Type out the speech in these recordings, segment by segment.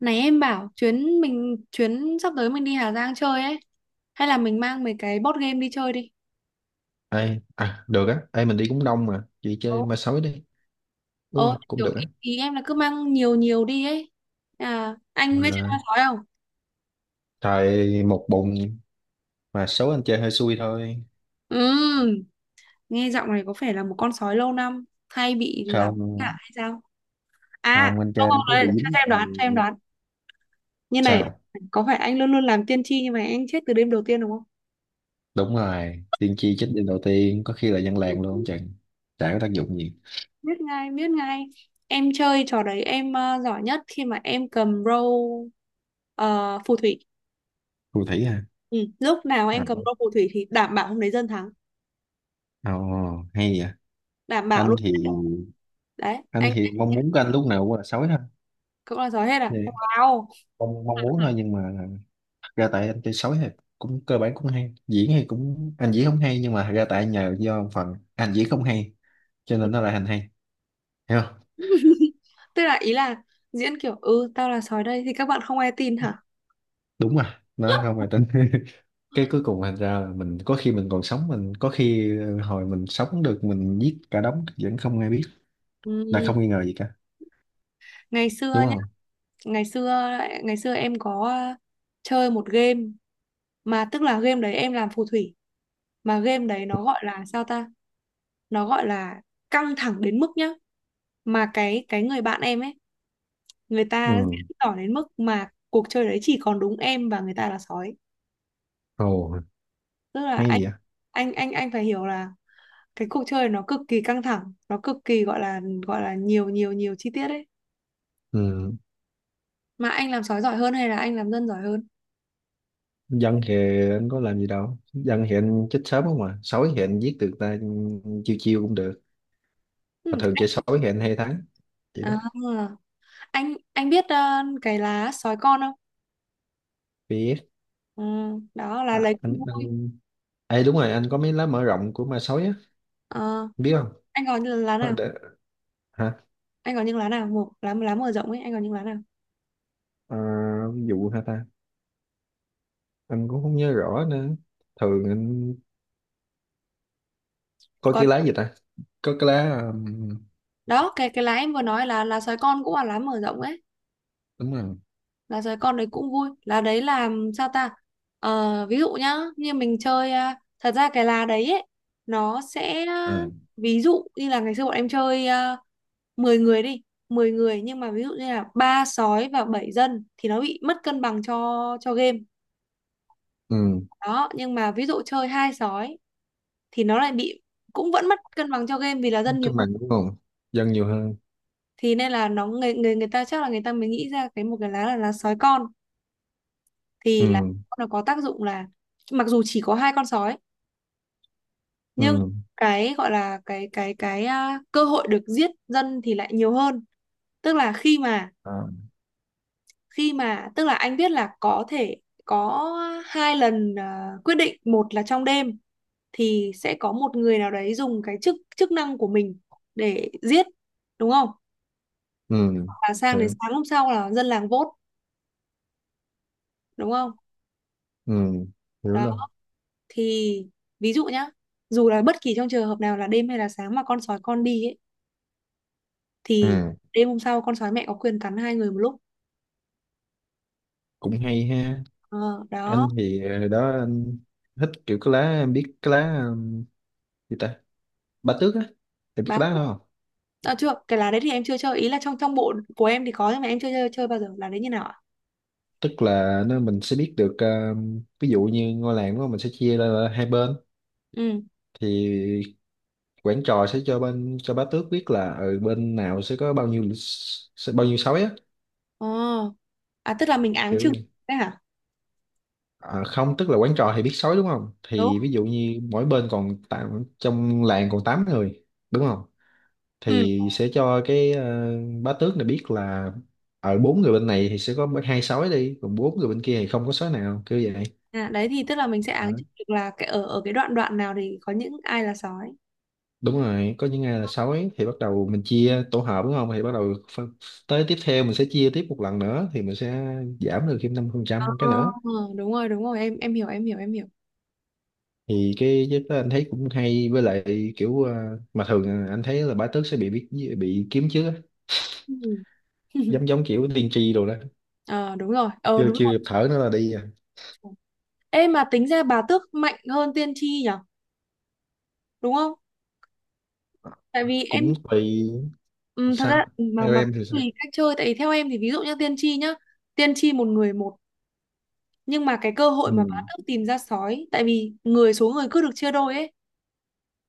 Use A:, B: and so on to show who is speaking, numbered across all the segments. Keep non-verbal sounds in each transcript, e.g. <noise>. A: Này em bảo chuyến sắp tới mình đi Hà Giang chơi ấy, hay là mình mang mấy cái board game đi chơi đi.
B: Ai à, được á, ai mình đi cũng đông mà, chị
A: Ồ,
B: chơi ma sói đi, đúng
A: ồ,
B: không? Cũng
A: kiểu
B: được
A: ý,
B: á.
A: ý em là cứ mang nhiều nhiều đi ấy. À, anh biết
B: Mà
A: chơi con sói không?
B: trời một bụng mà số anh chơi hơi xui thôi.
A: Ừ, nghe giọng này có phải là một con sói lâu năm hay bị làm hại
B: Không,
A: hay sao? À,
B: không, anh chơi
A: không không
B: anh cứ
A: đấy,
B: bị
A: cho
B: dính vào
A: em đoán, cho em đoán. Như này,
B: sao?
A: có phải anh luôn luôn làm tiên tri nhưng mà anh chết từ đêm đầu tiên đúng không?
B: Đúng rồi, tiên tri chết đêm đầu tiên, có khi là dân làng luôn không chừng. Chả có tác dụng gì.
A: Biết ngay, biết ngay. Em chơi trò đấy em giỏi nhất khi mà em cầm phù thủy.
B: Phù thủy hả?
A: Ừ. Lúc nào em
B: À.
A: cầm đôi phù thủy thì đảm bảo hôm đấy dân thắng,
B: Ồ, hay vậy.
A: đảm bảo
B: Anh
A: luôn.
B: thì
A: Đấy,
B: anh
A: anh
B: thì mong muốn của anh lúc nào cũng là sói thôi.
A: cũng là sói hết à,
B: Thì
A: wow.
B: mong mong muốn thôi nhưng mà ra tại anh chơi sói thì cũng cơ bản cũng hay diễn, thì cũng anh diễn không hay, nhưng mà ra tại nhờ do một phần anh diễn không hay cho nên nó lại thành hay, hiểu không,
A: <laughs> Tức là ý là diễn kiểu ừ tao là sói đây thì các bạn không ai tin hả?
B: đúng, mà nó không hề tính. <laughs> Cái cuối cùng thành ra là mình có khi mình còn sống, mình có khi hồi mình sống được mình giết cả đống vẫn không ai biết, là
A: Ừ.
B: không nghi ngờ gì cả,
A: Ngày xưa
B: đúng
A: nhá,
B: không.
A: ngày xưa, ngày xưa em có chơi một game, mà tức là game đấy em làm phù thủy, mà game đấy nó gọi là, sao ta, nó gọi là căng thẳng đến mức nhá, mà cái người bạn em ấy, người
B: Ừ.
A: ta diễn tỏ đến mức mà cuộc chơi đấy chỉ còn đúng em và người ta là sói.
B: Ồ,
A: Tức là
B: hay
A: anh
B: gì vậy.
A: anh anh anh phải hiểu là cái cuộc chơi nó cực kỳ căng thẳng, nó cực kỳ gọi là, gọi là nhiều nhiều nhiều chi tiết ấy.
B: Ừ,
A: Mà anh làm sói giỏi hơn hay là anh làm dân giỏi hơn?
B: dân thì anh có làm gì đâu, dân thì anh chết sớm không, mà sói thì anh giết được ta, chiêu chiêu cũng được.
A: Ừ.
B: Mà thường chơi sói thì anh hay thắng, vậy đó.
A: À, anh biết cái lá sói con không?
B: Biết.
A: Ừ. Đó là
B: À,
A: lấy cũng
B: anh,
A: vui.
B: anh... Ê, đúng rồi, anh có mấy lá mở rộng của ma sói á,
A: Ờ,
B: biết không?
A: anh có những lá
B: Hả?
A: nào,
B: Để... Hả?
A: anh có những lá nào, một lá lá mở rộng ấy, anh có những lá nào?
B: À, ví dụ hả ta? Anh cũng không nhớ rõ nữa. Thường anh coi
A: Có,
B: cái lá gì ta? Có cái lá...
A: đó cái lá em vừa nói là lá sói con cũng là lá mở rộng ấy,
B: đúng rồi.
A: là giới con đấy cũng vui, là đấy là, sao ta. Ờ, ví dụ nhá như mình chơi, thật ra cái lá đấy ấy, nó sẽ
B: À.
A: ví dụ như là ngày xưa bọn em chơi 10 người đi, 10 người, nhưng mà ví dụ như là ba sói và 7 dân thì nó bị mất cân bằng cho game.
B: Ừ,
A: Đó, nhưng mà ví dụ chơi hai sói thì nó lại bị, cũng vẫn mất cân bằng cho game vì là dân nhiều
B: cân
A: hơn.
B: bằng đúng không? Dân nhiều hơn.
A: Thì nên là nó, người người người ta chắc là người ta mới nghĩ ra một cái lá là lá sói con, thì là
B: Ừ,
A: nó có tác dụng là mặc dù chỉ có hai con sói nhưng
B: ừ,
A: cái gọi là cơ hội được giết dân thì lại nhiều hơn. Tức là khi mà
B: à.
A: khi mà tức là anh biết là có thể có hai lần quyết định, một là trong đêm thì sẽ có một người nào đấy dùng cái chức chức năng của mình để giết, đúng không?
B: Ừ,
A: Và sang đến
B: hiểu,
A: sáng hôm sau là dân làng vote, đúng không?
B: ừ, hiểu
A: Đó,
B: luôn.
A: thì ví dụ nhá, dù là bất kỳ trong trường hợp nào là đêm hay là sáng mà con sói con đi ấy thì
B: Ừ,
A: đêm hôm sau con sói mẹ có quyền cắn hai người một lúc.
B: cũng hay ha.
A: Ờ, Đó.
B: Anh thì đó anh thích kiểu cái lá, em biết cái lá gì ta? Ba tước á, em biết
A: Báo
B: cái lá
A: thức.
B: đó không?
A: À, chưa, cái lá đấy thì em chưa chơi, ý là trong trong bộ của em thì có nhưng mà em chưa chơi bao giờ, lá đấy như nào ạ?
B: Tức là nó mình sẽ biết được, ví dụ như ngôi làng đó mình sẽ chia ra là hai bên,
A: Ừ,
B: thì quản trò sẽ cho bên, cho bá tước biết là ở bên nào sẽ có bao nhiêu, sẽ bao nhiêu sói á,
A: ờ, à tức là mình áng
B: kiểu
A: chừng
B: như-
A: đấy hả?
B: à, không, tức là quản trò thì biết sói đúng không,
A: Đúng.
B: thì ví dụ như mỗi bên còn tám, trong làng còn 8 người, đúng không,
A: Ừ.
B: thì sẽ cho cái bá tước này biết là ở bốn người bên này thì sẽ có hai sói đi, còn bốn người bên kia thì không có sói nào, kiểu vậy.
A: À, đấy thì tức là mình sẽ
B: À,
A: áng chừng được là cái ở ở cái đoạn đoạn nào thì có những ai là sói.
B: đúng rồi, có những ngày là sói thì bắt đầu mình chia tổ hợp đúng không, thì bắt đầu phân, tới tiếp theo mình sẽ chia tiếp một lần nữa thì mình sẽ giảm được thêm năm phần
A: Ờ,
B: trăm cái nữa.
A: đúng rồi, đúng rồi, em hiểu, em hiểu, em hiểu.
B: Thì cái giấc đó anh thấy cũng hay, với lại kiểu mà thường anh thấy là bá tước sẽ bị biết, bị kiếm chứ,
A: Ừ.
B: giống
A: <laughs>
B: giống kiểu tiên tri đồ đó,
A: Ờ, đúng rồi, ờ,
B: chưa
A: đúng
B: chưa kịp thở nữa là đi à.
A: rồi. Ê mà tính ra bà tước mạnh hơn tiên tri nhở, đúng không, tại vì em.
B: Cũng tùy.
A: Ừ, thật ra
B: Sao,
A: mà
B: theo
A: mà
B: em
A: cũng
B: thì sao?
A: tùy cách chơi, tại vì theo em thì ví dụ như tiên tri nhá, tiên tri một người một, nhưng mà cái cơ hội mà bá
B: Ừ,
A: tước tìm ra sói, tại vì số người cứ được chia đôi ấy,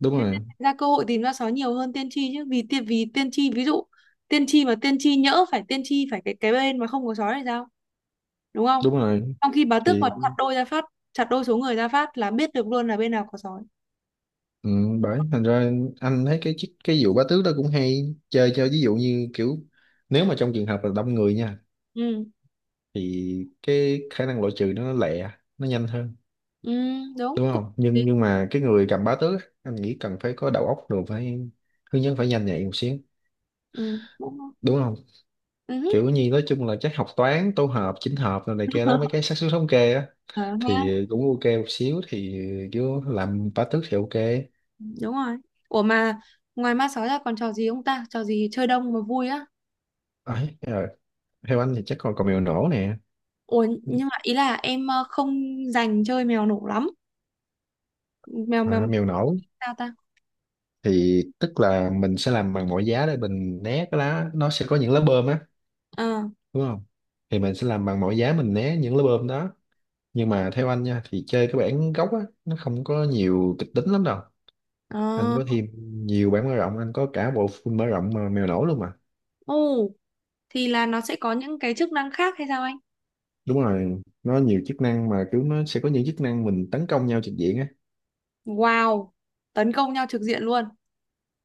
B: đúng
A: thế
B: rồi,
A: nên ra cơ hội tìm ra sói nhiều hơn tiên tri chứ, vì tiên tri ví dụ, tiên tri mà tiên tri nhỡ phải, tiên tri phải cái bên mà không có sói thì sao, đúng không?
B: đúng rồi,
A: Trong khi bá tước
B: thì
A: mà chặt đôi ra phát, chặt đôi số người ra phát là biết được luôn là bên nào có sói.
B: ừ, bởi thành ra anh thấy cái cái vụ bá tước đó cũng hay, chơi cho ví dụ như kiểu nếu mà trong trường hợp là đông người nha,
A: Ừ.
B: thì cái khả năng loại trừ nó lẹ, nó nhanh hơn,
A: Ừ đúng,
B: đúng
A: cũng
B: không. Nhưng mà cái người cầm bá tước á, anh nghĩ cần phải có đầu óc rồi, phải hướng dẫn, phải nhanh nhạy một xíu,
A: ừ, cũng
B: đúng không.
A: ừ.
B: Kiểu như nói chung là chắc học toán tổ hợp chỉnh hợp rồi này kia đó, mấy cái xác suất thống kê á,
A: <laughs>
B: thì cũng ok một xíu thì kiểu làm bá tước thì ok.
A: Đúng rồi. Ủa mà ngoài ma sói ra còn trò gì không ta, trò gì chơi đông mà vui á?
B: Ấy rồi, theo anh thì chắc còn còn mèo nổ nè.
A: Ủa nhưng mà ý là em không dành chơi mèo nổ lắm. mèo mèo,
B: À,
A: mèo
B: mèo nổ
A: sao ta.
B: thì tức là mình sẽ làm bằng mọi giá để mình né cái lá, nó sẽ có những lá bơm á,
A: ờ
B: đúng không, thì mình sẽ làm bằng mọi giá mình né những lá bơm đó. Nhưng mà theo anh nha, thì chơi cái bản gốc á, nó không có nhiều kịch tính lắm đâu. Anh
A: ờ
B: có thêm nhiều bản mở rộng, anh có cả bộ full mở rộng mà mèo nổi luôn mà.
A: Ồ, thì là nó sẽ có những cái chức năng khác hay sao anh?
B: Đúng rồi, nó nhiều chức năng, mà kiểu nó sẽ có những chức năng mình tấn công nhau trực diện á.
A: Wow, tấn công nhau trực diện luôn.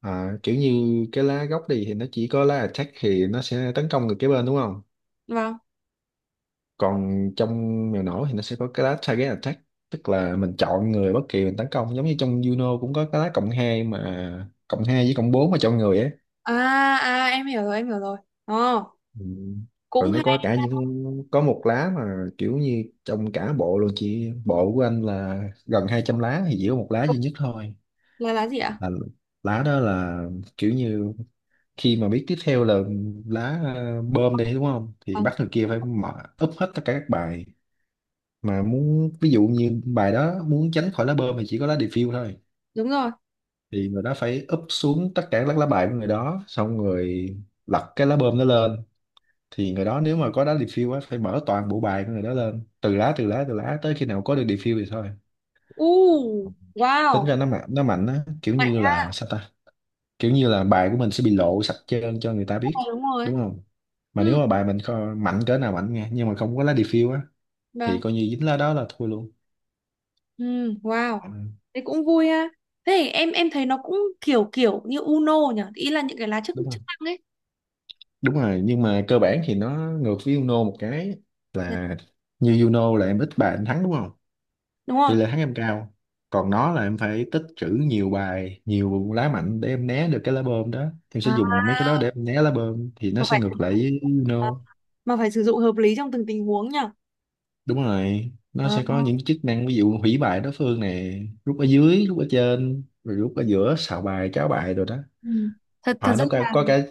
B: À, kiểu như cái lá gốc đi thì nó chỉ có lá attack, thì nó sẽ tấn công được cái bên đúng không,
A: Vâng.
B: còn trong mèo nổi thì nó sẽ có cái lá target attack, tức là mình chọn người bất kỳ mình tấn công, giống như trong Juno cũng có cái lá cộng 2 mà, cộng 2 với cộng 4 mà chọn người ấy.
A: À à, em hiểu rồi, em hiểu rồi. Ờ,
B: Ừ. Rồi
A: cũng
B: nó có
A: hay.
B: cả những, có một lá mà kiểu như trong cả bộ luôn, chị bộ của anh là gần 200 lá thì chỉ có một lá duy nhất thôi,
A: Là lá gì ạ?
B: là lá đó là kiểu như khi mà biết tiếp theo là lá bơm đi, đúng không, thì
A: Vâng,
B: bắt người kia phải mở, úp hết tất cả các bài, mà muốn ví dụ như bài đó muốn tránh khỏi lá bơm thì chỉ có lá refill thôi,
A: đúng rồi.
B: thì người đó phải úp xuống tất cả các lá bài của người đó, xong người lật cái lá bơm nó lên, thì người đó nếu mà có đá refill á, phải mở toàn bộ bài của người đó lên từ lá tới khi nào có được refill thì thôi.
A: U
B: Tính
A: wow,
B: ra nó mạnh, nó mạnh á, kiểu
A: mạnh
B: như
A: ra.
B: là sao ta, kiểu như là bài của mình sẽ bị lộ sạch trơn cho người ta
A: Rồi,
B: biết,
A: đúng rồi.
B: đúng không. Mà nếu
A: Ừ.
B: mà bài mình mạnh cỡ nào mạnh nha, nhưng mà không có lá refill á, thì
A: Vâng.
B: coi như dính lá đó là thua luôn.
A: Ừ, wow.
B: Ừ,
A: Thế cũng vui ha. Thế thì em thấy nó cũng kiểu kiểu như Uno nhỉ, ý là những cái lá chức
B: đúng
A: chức
B: không,
A: năng ấy.
B: đúng rồi, nhưng mà cơ bản thì nó ngược với Uno một cái
A: Đấy.
B: là, như Uno là em ít bài em thắng đúng không,
A: Đúng
B: tỷ
A: rồi.
B: lệ thắng em cao, còn nó là em phải tích trữ nhiều bài, nhiều lá mạnh để em né được cái lá bơm đó, em sẽ
A: À,
B: dùng mấy cái đó để em né lá bơm, thì nó
A: mà
B: sẽ
A: phải sử
B: ngược lại
A: dụng
B: với
A: à,
B: Uno.
A: mà phải sử dụng hợp lý trong từng tình huống nhỉ.
B: Đúng rồi, nó
A: À.
B: sẽ có những chức năng ví dụ hủy bài đối phương này, rút ở dưới, rút ở trên, rồi rút ở giữa, xào bài, cháo bài, rồi đó.
A: Ừ. Thật thật
B: À,
A: ra
B: nó có,
A: là
B: có cái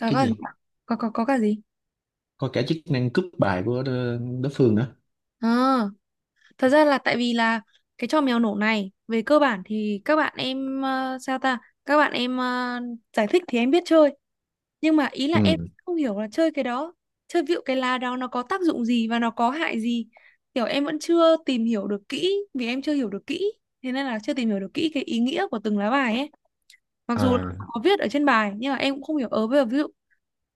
A: có,
B: cái gì,
A: có cả gì?
B: có cả chức năng cướp bài của đối đối phương nữa.
A: À, thật ra là tại vì là cái trò mèo nổ này về cơ bản thì các bạn em, sao ta? Các bạn em giải thích thì em biết chơi, nhưng mà ý là em
B: Ừ.
A: không hiểu là chơi cái đó, chơi vịu cái lá đó nó có tác dụng gì và nó có hại gì, kiểu em vẫn chưa tìm hiểu được kỹ vì em chưa hiểu được kỹ, thế nên là chưa tìm hiểu được kỹ cái ý nghĩa của từng lá bài ấy. Mặc dù là
B: À,
A: có viết ở trên bài nhưng mà em cũng không hiểu. Ờ Bây giờ ví dụ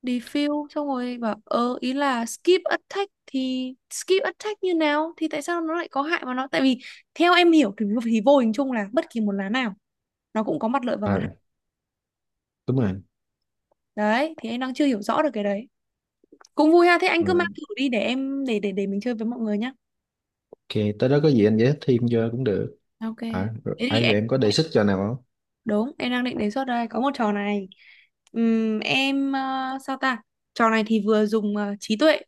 A: defuse xong rồi bảo, ý là skip attack thì skip attack như nào thì tại sao nó lại có hại, mà nó tại vì theo em hiểu thì vô hình chung là bất kỳ một lá nào nó cũng có mặt lợi và
B: ờ,
A: mặt hại.
B: đúng rồi.
A: Đấy thì em đang chưa hiểu rõ được cái đấy. Cũng vui ha, thế anh
B: Ờ,
A: cứ mang thử đi để em, để mình chơi với mọi người nhá.
B: ok, tới đó có gì anh giải thích thêm cho cũng được.
A: Ok.
B: À, rồi,
A: Thế thì
B: ai, rồi
A: em,
B: em có đề xuất cho nào không?
A: đúng, em đang định đề xuất đây, có một trò này. Sao ta. Trò này thì vừa dùng trí tuệ,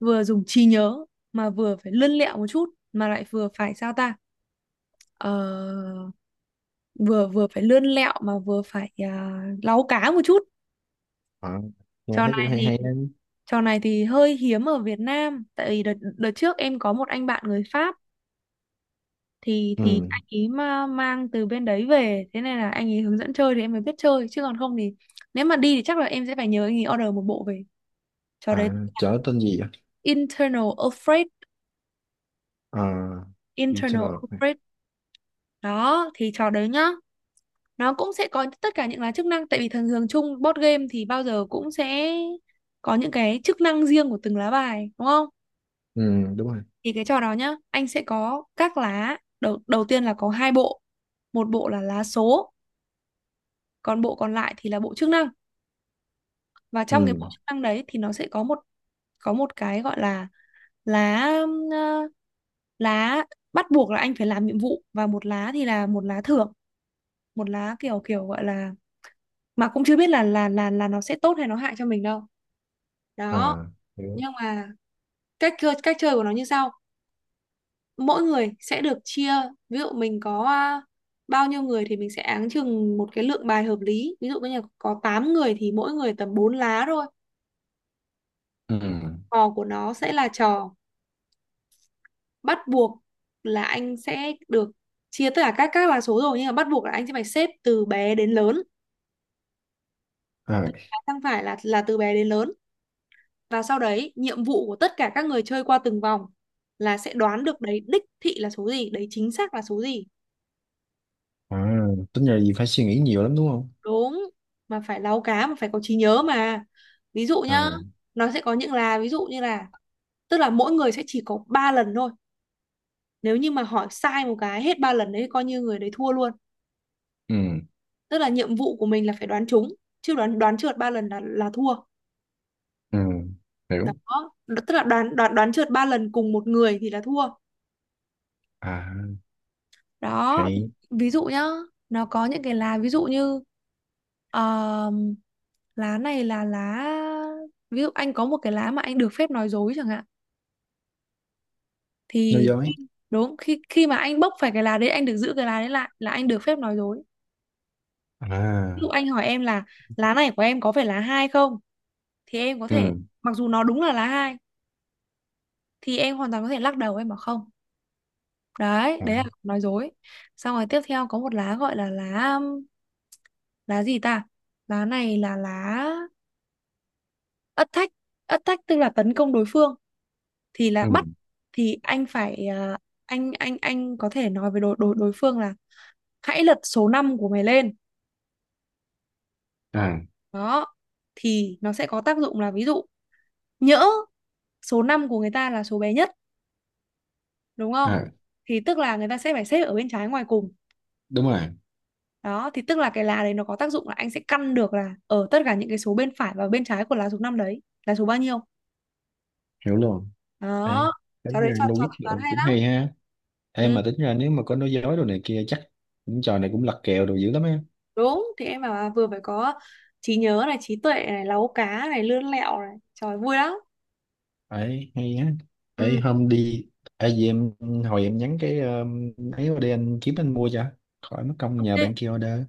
A: vừa dùng trí nhớ, mà vừa phải lươn lẹo một chút mà lại vừa phải, sao ta. Ờ, vừa vừa phải lươn lẹo mà vừa phải láu cá một chút.
B: Ờ, nghe
A: trò
B: thấy cũng
A: này
B: hay
A: thì
B: hay đấy.
A: trò này thì hơi hiếm ở Việt Nam, tại vì đợt trước em có một anh bạn người Pháp, thì
B: Ừ.
A: thì anh ý mà mang từ bên đấy về, thế nên là anh ý hướng dẫn chơi thì em mới biết chơi chứ còn không thì nếu mà đi thì chắc là em sẽ phải nhờ anh ý order một bộ về, trò đấy
B: À, chở tên gì vậy?
A: internal upgrade,
B: À,
A: internal
B: internal.
A: upgrade. Đó thì trò đấy nhá, nó cũng sẽ có tất cả những là chức năng, tại vì thường thường chung board game thì bao giờ cũng sẽ có những cái chức năng riêng của từng lá bài, đúng không?
B: Ừ, đúng rồi.
A: Thì cái trò đó nhá, anh sẽ có các lá, đầu đầu tiên là có hai bộ, một bộ là lá số, còn bộ còn lại thì là bộ chức năng. Và
B: Ừ.
A: trong cái bộ chức năng đấy thì nó sẽ có một cái gọi là lá, ờ, lá bắt buộc là anh phải làm nhiệm vụ, và một lá thì là một lá thưởng, một lá kiểu kiểu gọi là, mà cũng chưa biết là nó sẽ tốt hay nó hại cho mình đâu. Đó.
B: À, hiểu.
A: Nhưng mà cách chơi của nó như sau, mỗi người sẽ được chia, ví dụ mình có bao nhiêu người thì mình sẽ áng chừng một cái lượng bài hợp lý, ví dụ như là có 8 người thì mỗi người tầm 4 lá thôi.
B: Ừ.
A: Trò của nó sẽ là trò bắt buộc là anh sẽ được chia tất cả các là số rồi, nhưng mà bắt buộc là anh sẽ phải xếp từ bé đến lớn,
B: À,
A: không phải là từ bé đến lớn. Và sau đấy nhiệm vụ của tất cả các người chơi qua từng vòng là sẽ đoán được đấy đích thị là số gì, đấy chính xác là số gì.
B: à, tính ra gì phải suy nghĩ nhiều lắm đúng không.
A: Đúng. Mà phải láu cá mà phải có trí nhớ mà. Ví dụ nhá,
B: À,
A: nó sẽ có những là ví dụ như là, tức là mỗi người sẽ chỉ có 3 lần thôi, nếu như mà hỏi sai một cái hết 3 lần đấy coi như người đấy thua luôn.
B: ừ,
A: Tức là nhiệm vụ của mình là phải đoán trúng, chứ đoán đoán trượt ba lần là thua.
B: ừ, hiểu.
A: Đó, tức là đoán đoán đoán trượt ba lần cùng một người thì là thua.
B: À,
A: Đó thì
B: hay.
A: ví dụ nhá, nó có những cái lá ví dụ như, ờm, lá này là lá, ví dụ anh có một cái lá mà anh được phép nói dối chẳng hạn,
B: Nói
A: thì
B: dối?
A: đúng, khi khi mà anh bốc phải cái lá đấy anh được giữ cái lá đấy lại là anh được phép nói dối. Ví dụ
B: À,
A: anh hỏi em là lá này của em có phải lá hai không, thì em có
B: ừ,
A: thể, mặc dù nó đúng là lá hai, thì em hoàn toàn có thể lắc đầu em bảo không. Đấy,
B: à,
A: đấy là nói dối. Xong rồi tiếp theo có một lá gọi là lá, lá gì ta, lá này là lá ất thách. Ất thách tức là tấn công đối phương, thì là
B: ừ,
A: bắt, thì anh phải anh có thể nói với đối đối đối phương là hãy lật số 5 của mày lên.
B: à,
A: Đó, thì nó sẽ có tác dụng là, ví dụ, nhỡ số 5 của người ta là số bé nhất, đúng không,
B: à,
A: thì tức là người ta sẽ phải xếp ở bên trái ngoài cùng.
B: đúng rồi,
A: Đó thì tức là cái lá đấy nó có tác dụng là anh sẽ căn được là ở tất cả những cái số bên phải và bên trái của lá số 5 đấy là số bao nhiêu.
B: hiểu luôn. Ê,
A: Đó, cháu
B: tính
A: đấy
B: ra
A: cho
B: Louis
A: tính toán
B: rồi
A: hay
B: cũng
A: lắm.
B: hay ha. Em
A: Ừ,
B: mà tính ra, nếu mà có nói dối đồ này kia chắc những trò này cũng lật kèo đồ dữ lắm á.
A: đúng thì em bảo là vừa phải có trí nhớ này, trí tuệ này, láu cá này, lươn lẹo này, trời vui lắm.
B: Ấy hay á. Ấy
A: Ừ,
B: hôm đi, ấy gì em, hồi em nhắn cái ấy, qua đây anh kiếm anh mua cho, khỏi mất công
A: ok,
B: nhờ bạn kia order.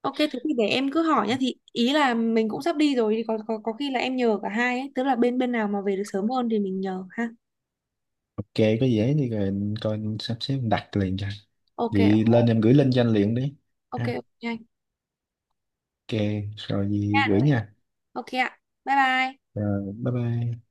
A: ok, thế thì để em cứ hỏi nhá, thì ý là mình cũng sắp đi rồi thì có khi là em nhờ cả hai ấy, tức là bên bên nào mà về được sớm hơn thì mình nhờ ha.
B: Ok, có dễ thì rồi anh coi anh sắp xếp anh đặt liền cho.
A: Ok,
B: Vậy lên em gửi link cho anh liền đi,
A: ok,
B: ha.
A: ok, anh
B: Ok, rồi
A: nha.
B: gì gửi nha.
A: Ok ạ. Bye bye.
B: Rồi, bye bye.